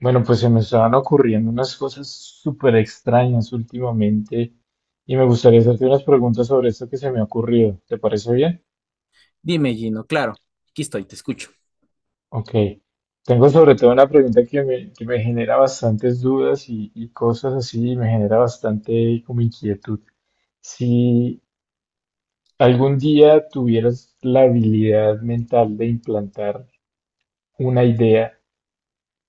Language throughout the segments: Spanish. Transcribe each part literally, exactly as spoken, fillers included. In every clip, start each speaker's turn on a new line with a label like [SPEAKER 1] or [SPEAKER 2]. [SPEAKER 1] Bueno, pues se me estaban ocurriendo unas cosas súper extrañas últimamente y me gustaría hacerte unas preguntas sobre esto que se me ha ocurrido. ¿Te parece bien?
[SPEAKER 2] Dime, Gino, claro, aquí estoy, te escucho.
[SPEAKER 1] Ok. Tengo sobre todo una pregunta que me, que me genera bastantes dudas y, y cosas así, y me genera bastante como inquietud. Si algún día tuvieras la habilidad mental de implantar una idea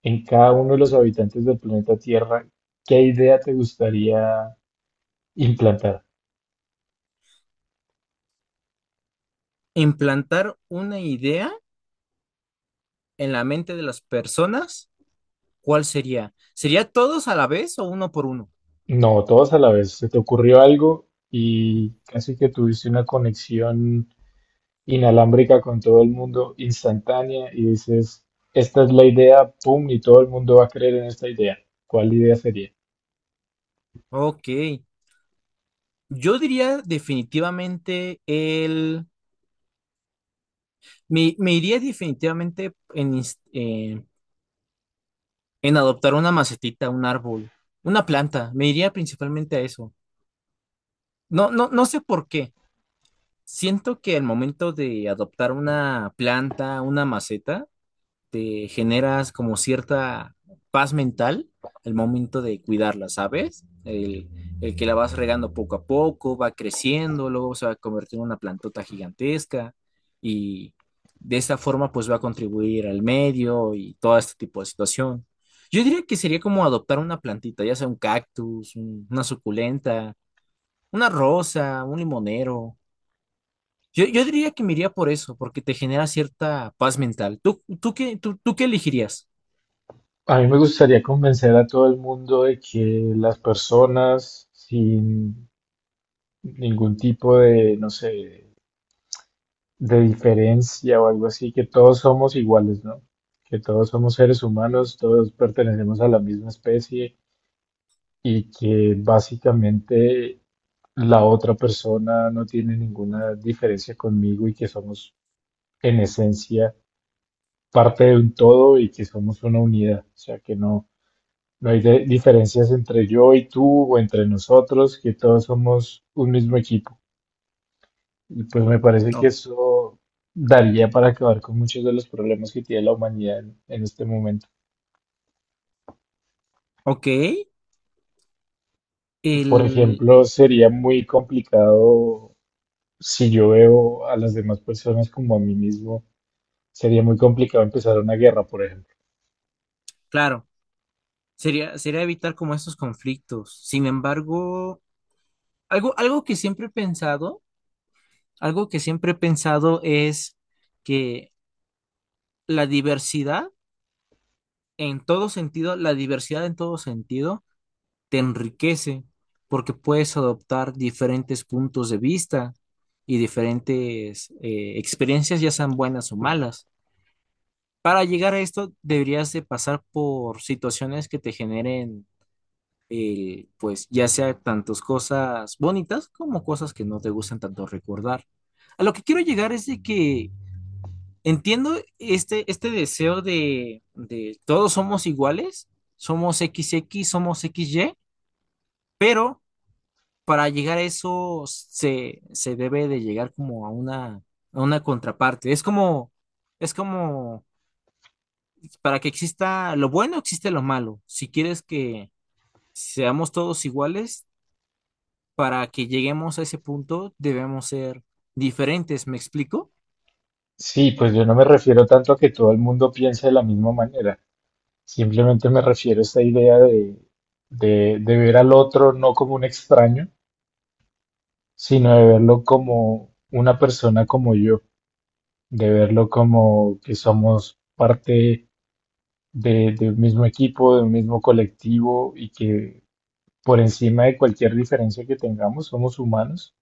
[SPEAKER 1] en cada uno de los habitantes del planeta Tierra, ¿qué idea te gustaría implantar?
[SPEAKER 2] Implantar una idea en la mente de las personas, ¿cuál sería? ¿Sería todos a la vez o uno por uno?
[SPEAKER 1] No, todos a la vez. Se te ocurrió algo y casi que tuviste una conexión inalámbrica con todo el mundo instantánea y dices, esta es la idea, pum, y todo el mundo va a creer en esta idea. ¿Cuál idea sería?
[SPEAKER 2] Ok, yo diría definitivamente el... Me, me iría definitivamente en, ins- eh, en adoptar una macetita, un árbol, una planta. Me iría principalmente a eso. No, no, no sé por qué. Siento que el momento de adoptar una planta, una maceta, te generas como cierta paz mental al momento de cuidarla, ¿sabes? El, el que la vas regando poco a poco, va creciendo, luego se va a convertir en una plantota gigantesca y de esta forma pues va a contribuir al medio y todo este tipo de situación. Yo diría que sería como adoptar una plantita, ya sea un cactus, un- una suculenta, una rosa, un limonero. Yo, yo diría que me iría por eso, porque te genera cierta paz mental. ¿Tú, tú qué, tú, tú qué elegirías?
[SPEAKER 1] A mí me gustaría convencer a todo el mundo de que las personas sin ningún tipo de, no sé, de diferencia o algo así, que todos somos iguales, ¿no? Que todos somos seres humanos, todos pertenecemos a la misma especie y que básicamente la otra persona no tiene ninguna diferencia conmigo y que somos en esencia parte de un todo y que somos una unidad, o sea que no, no hay de- diferencias entre yo y tú o entre nosotros, que todos somos un mismo equipo. Y pues me parece que
[SPEAKER 2] O-
[SPEAKER 1] eso daría para acabar con muchos de los problemas que tiene la humanidad en, en este momento.
[SPEAKER 2] ok,
[SPEAKER 1] Por
[SPEAKER 2] el,
[SPEAKER 1] ejemplo, sería muy complicado si yo veo a las demás personas como a mí mismo. Sería muy complicado empezar una guerra, por ejemplo.
[SPEAKER 2] claro, sería, sería evitar como estos conflictos. Sin embargo, algo, algo que siempre he pensado, algo que siempre he pensado es que la diversidad en todo sentido, la diversidad en todo sentido te enriquece porque puedes adoptar diferentes puntos de vista y diferentes eh, experiencias, ya sean buenas o malas. Para llegar a esto, deberías de pasar por situaciones que te generen el, pues ya sea tantas cosas bonitas como cosas que no te gustan tanto recordar. A lo que quiero llegar es de que entiendo este, este deseo de, de todos somos iguales, somos X X, somos X Y, pero para llegar a eso se, se debe de llegar como a una, a una contraparte. Es como, es como, para que exista lo bueno, existe lo malo. Si quieres que seamos todos iguales, para que lleguemos a ese punto, debemos ser diferentes, ¿me explico?
[SPEAKER 1] Sí, pues yo no me refiero tanto a que todo el mundo piense de la misma manera. Simplemente me refiero a esta idea de, de, de ver al otro no como un extraño, sino de verlo como una persona como yo, de verlo como que somos parte de, de un mismo equipo, de un mismo colectivo y que por encima de cualquier diferencia que tengamos somos humanos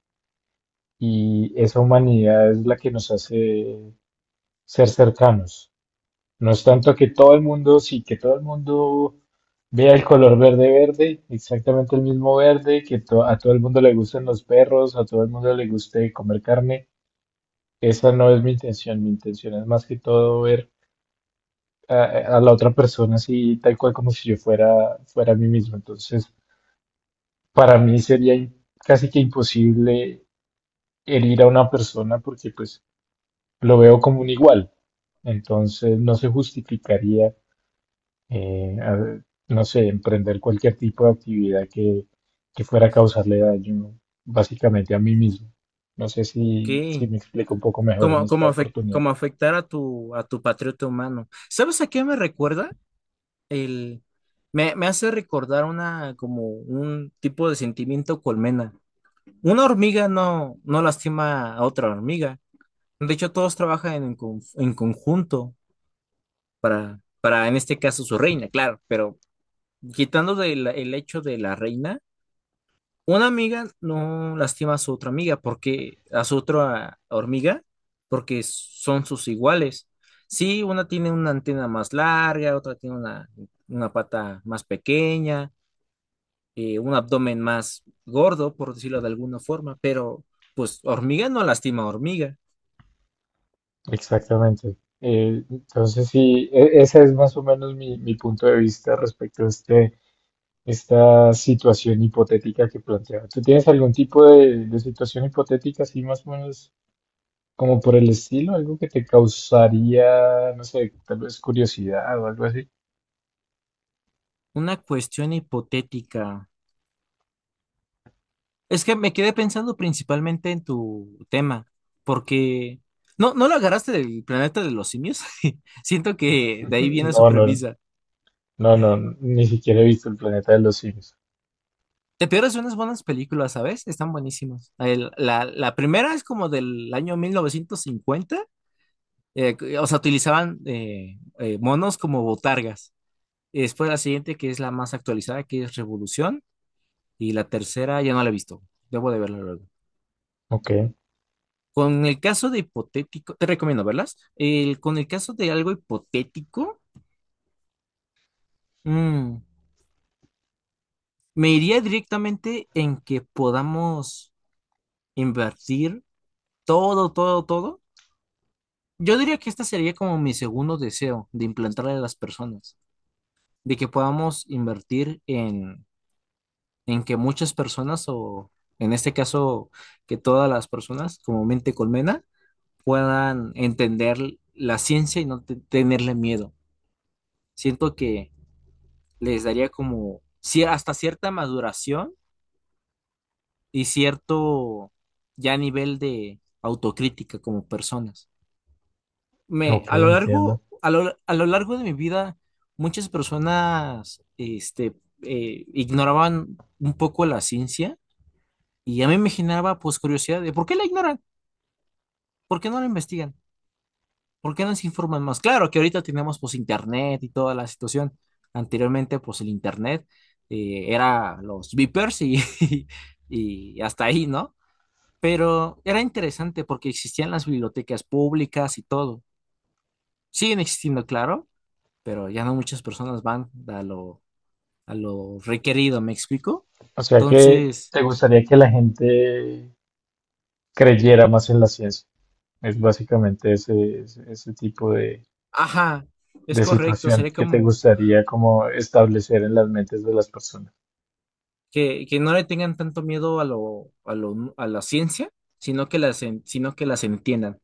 [SPEAKER 1] y esa humanidad es la que nos hace ser cercanos. No es tanto que todo el mundo, sí, que todo el mundo vea el color verde verde, exactamente el mismo verde, que to- a todo el mundo le gusten los perros, a todo el mundo le guste comer carne. Esa no es mi intención, mi intención es más que todo ver a, a la otra persona así, tal cual como si yo fuera, fuera a mí mismo. Entonces, para mí sería im- casi que imposible herir a una persona porque pues lo veo como un igual. Entonces, no se justificaría eh, a- no sé, emprender cualquier tipo de actividad que, que fuera a causarle daño básicamente a mí mismo. No sé
[SPEAKER 2] Ok.
[SPEAKER 1] si, si me explico un poco mejor en
[SPEAKER 2] Como,
[SPEAKER 1] esta
[SPEAKER 2] como, afec-
[SPEAKER 1] oportunidad.
[SPEAKER 2] como afectar a tu, a tu patriota humano. ¿Sabes a qué me recuerda? El, me, me hace recordar una, como un tipo de sentimiento colmena. Una hormiga no, no lastima a otra hormiga. De hecho, todos trabajan en, con- en conjunto para, para, en este caso, su reina, claro, pero quitando del- el hecho de la reina. Una amiga no lastima a su otra amiga porque a su otra hormiga porque son sus iguales. Sí, una tiene una antena más larga, otra tiene una, una pata más pequeña, eh, un abdomen más gordo, por decirlo de alguna forma, pero pues hormiga no lastima a hormiga.
[SPEAKER 1] Exactamente. Eh, entonces, sí, e- ese es más o menos mi, mi punto de vista respecto a este, esta situación hipotética que planteaba. ¿Tú tienes algún tipo de, de situación hipotética así más o menos como por el estilo? ¿Algo que te causaría, no sé, tal vez curiosidad o algo así?
[SPEAKER 2] Una cuestión hipotética. Es que me quedé pensando principalmente en tu tema, porque no, no lo agarraste del planeta de los simios. Siento que de ahí viene su
[SPEAKER 1] No, no,
[SPEAKER 2] premisa.
[SPEAKER 1] no, no, ni siquiera he visto el planeta de los simios.
[SPEAKER 2] Te pierdes unas buenas películas, ¿sabes? Están buenísimas. El- la, la primera es como del año mil novecientos cincuenta, eh, que- o sea, utilizaban eh, eh, monos como botargas. Y después la siguiente, que es la más actualizada, que es Revolución, y la tercera ya no la he visto. Debo de verla luego.
[SPEAKER 1] Ok,
[SPEAKER 2] Con el caso de hipotético, te recomiendo verlas. El- con el caso de algo hipotético, mm, me iría directamente en que podamos invertir todo, todo, todo. Yo diría que este sería como mi segundo deseo de implantarle a las personas, de que podamos invertir en, en que muchas personas, o en este caso, que todas las personas, como mente colmena, puedan entender la ciencia y no te- tenerle miedo. Siento que les daría como cier- hasta cierta maduración y cierto ya nivel de autocrítica como personas. Me,
[SPEAKER 1] ok,
[SPEAKER 2] a lo
[SPEAKER 1] entiendo.
[SPEAKER 2] largo, a lo, a lo largo de mi vida, muchas personas este, eh, ignoraban un poco la ciencia y a mí me generaba pues curiosidad de por qué la ignoran, por qué no la investigan. ¿Por qué no se informan más? Claro que ahorita tenemos pues internet y toda la situación. Anteriormente pues el internet eh, era los beepers y, y hasta ahí, ¿no? Pero era interesante porque existían las bibliotecas públicas y todo. Siguen existiendo, claro, pero ya no muchas personas van a lo, a lo, requerido, ¿me explico?
[SPEAKER 1] O sea que
[SPEAKER 2] Entonces,
[SPEAKER 1] te gustaría que la gente creyera más en la ciencia. Es básicamente ese, ese, ese tipo de,
[SPEAKER 2] ajá, es
[SPEAKER 1] de
[SPEAKER 2] correcto,
[SPEAKER 1] situación
[SPEAKER 2] sería
[SPEAKER 1] que te
[SPEAKER 2] como
[SPEAKER 1] gustaría como establecer en las mentes de las personas.
[SPEAKER 2] que, que no le tengan tanto miedo a lo, a lo, a la ciencia, sino que las, en- sino que las entiendan.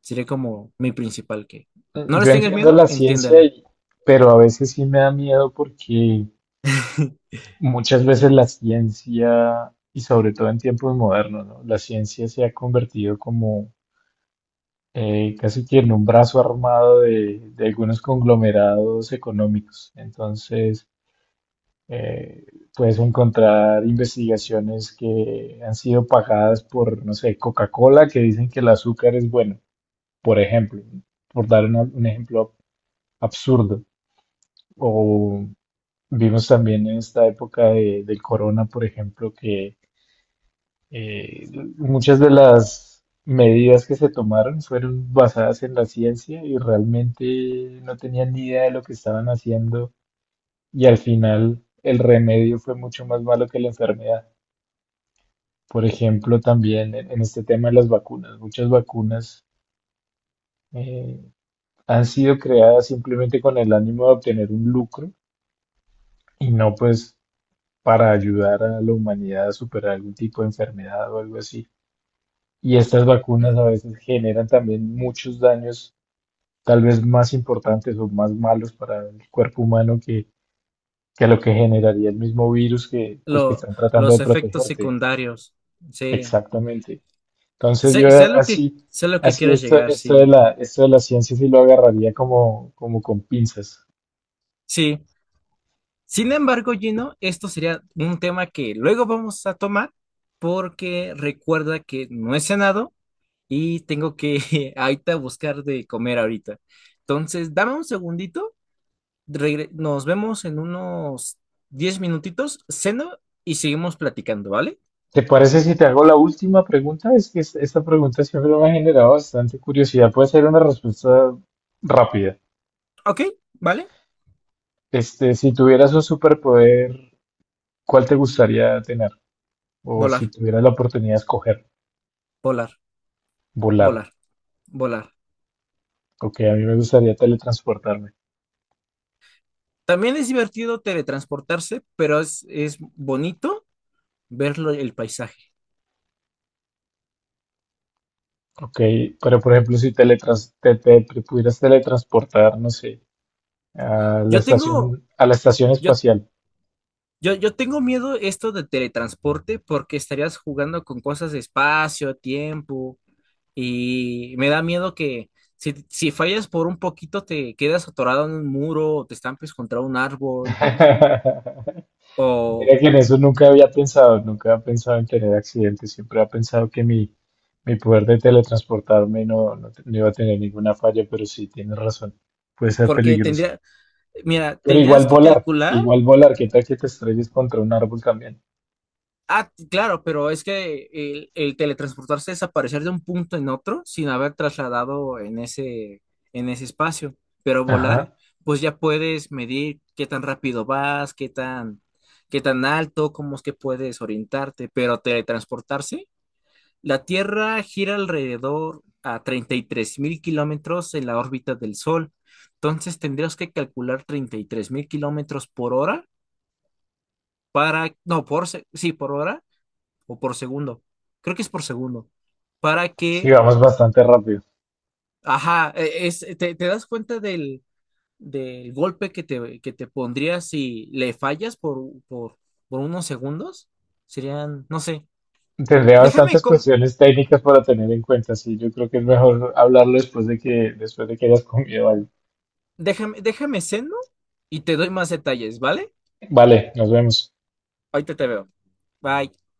[SPEAKER 2] Sería como mi principal, que
[SPEAKER 1] Mm,
[SPEAKER 2] no
[SPEAKER 1] yo
[SPEAKER 2] les tengas
[SPEAKER 1] entiendo
[SPEAKER 2] miedo,
[SPEAKER 1] la ciencia,
[SPEAKER 2] entiéndela.
[SPEAKER 1] y- pero a veces sí me da miedo porque muchas veces la ciencia, y sobre todo en tiempos modernos, ¿no? La ciencia se ha convertido como eh, casi tiene un brazo armado de, de algunos conglomerados económicos. Entonces, eh, puedes encontrar investigaciones que han sido pagadas por, no sé, Coca-Cola, que dicen que el azúcar es bueno, por ejemplo, por dar una- un ejemplo absurdo. O vimos también en esta época de, del corona, por ejemplo, que Eh, muchas de las medidas que se tomaron fueron basadas en la ciencia y realmente no tenían ni idea de lo que estaban haciendo y al final el remedio fue mucho más malo que la enfermedad. Por ejemplo, también en en este tema de las vacunas, muchas vacunas eh, han sido creadas simplemente con el ánimo de obtener un lucro y no, pues, para ayudar a la humanidad a superar algún tipo de enfermedad o algo así. Y estas vacunas a veces generan también muchos daños tal vez más importantes o más malos para el cuerpo humano que, que lo que generaría el mismo virus que, del que
[SPEAKER 2] Lo-
[SPEAKER 1] están tratando de
[SPEAKER 2] los efectos
[SPEAKER 1] protegerte.
[SPEAKER 2] secundarios, sí.
[SPEAKER 1] Exactamente. Entonces yo
[SPEAKER 2] Sé, sé lo que,
[SPEAKER 1] así,
[SPEAKER 2] sé lo que
[SPEAKER 1] así
[SPEAKER 2] quieres
[SPEAKER 1] esto,
[SPEAKER 2] llegar,
[SPEAKER 1] esto de
[SPEAKER 2] sí.
[SPEAKER 1] la, esto de la ciencia sí lo agarraría como, como con pinzas.
[SPEAKER 2] Sí. Sin embargo, Gino, esto sería un tema que luego vamos a tomar porque recuerda que no he cenado y tengo que ahorita buscar de comer ahorita. Entonces, dame un segundito regre- nos vemos en unos diez minutitos, ceno y seguimos platicando, ¿vale?
[SPEAKER 1] ¿Te parece si te hago la última pregunta? Es que es- esta pregunta siempre me ha generado bastante curiosidad. Puede ser una respuesta rápida.
[SPEAKER 2] Ok, ¿vale?
[SPEAKER 1] Este, si tuvieras un superpoder, ¿cuál te gustaría tener? O si
[SPEAKER 2] Volar,
[SPEAKER 1] tuvieras la oportunidad de escoger,
[SPEAKER 2] volar,
[SPEAKER 1] volar.
[SPEAKER 2] volar, volar.
[SPEAKER 1] Ok, a mí me gustaría teletransportarme.
[SPEAKER 2] También es divertido teletransportarse, pero es, es bonito ver lo- el paisaje.
[SPEAKER 1] Ok, pero por ejemplo, si teletrans te, te- te pudieras teletransportar, no sé, a la
[SPEAKER 2] Yo tengo,
[SPEAKER 1] estación, a la estación
[SPEAKER 2] yo,
[SPEAKER 1] espacial.
[SPEAKER 2] yo, yo tengo miedo esto de teletransporte porque estarías jugando con cosas de espacio, tiempo, y me da miedo que si, si fallas por un poquito te quedas atorado en un muro o te estampes contra un árbol. O
[SPEAKER 1] Mira que en eso nunca había pensado, nunca había pensado en tener accidentes, siempre había pensado que mi, mi poder de teletransportarme no, no, te- no iba a tener ninguna falla, pero sí, tienes razón, puede ser
[SPEAKER 2] porque
[SPEAKER 1] peligroso.
[SPEAKER 2] tendría, mira,
[SPEAKER 1] Pero igual
[SPEAKER 2] tendrías que
[SPEAKER 1] volar,
[SPEAKER 2] calcular.
[SPEAKER 1] igual volar, ¿qué tal que te estrelles contra un árbol también?
[SPEAKER 2] Ah, t- claro, pero es que el, el teletransportarse es aparecer de un punto en otro sin haber trasladado en ese, en ese, espacio. Pero volar,
[SPEAKER 1] Ajá,
[SPEAKER 2] pues ya puedes medir qué tan rápido vas, qué tan, qué tan alto, cómo es que puedes orientarte. Pero teletransportarse la Tierra gira alrededor a treinta y tres mil kilómetros en la órbita del Sol. Entonces tendrías que calcular treinta y tres mil kilómetros por hora para, no, por, se- sí, por hora o por segundo. Creo que es por segundo. Para
[SPEAKER 1] sí,
[SPEAKER 2] que,
[SPEAKER 1] vamos bastante rápido.
[SPEAKER 2] ajá, e- es, te, te das cuenta del, del golpe que te, que te pondría si le fallas por, por, por unos segundos. Serían, no sé.
[SPEAKER 1] Tendría
[SPEAKER 2] Déjame,
[SPEAKER 1] bastantes
[SPEAKER 2] com-
[SPEAKER 1] cuestiones técnicas para tener en cuenta, sí. Yo creo que es mejor hablarlo después de que, después de que hayas comido algo.
[SPEAKER 2] déjame, déjame seno y te doy más detalles, ¿vale?
[SPEAKER 1] Vale, nos vemos.
[SPEAKER 2] Ahorita te veo. Bye.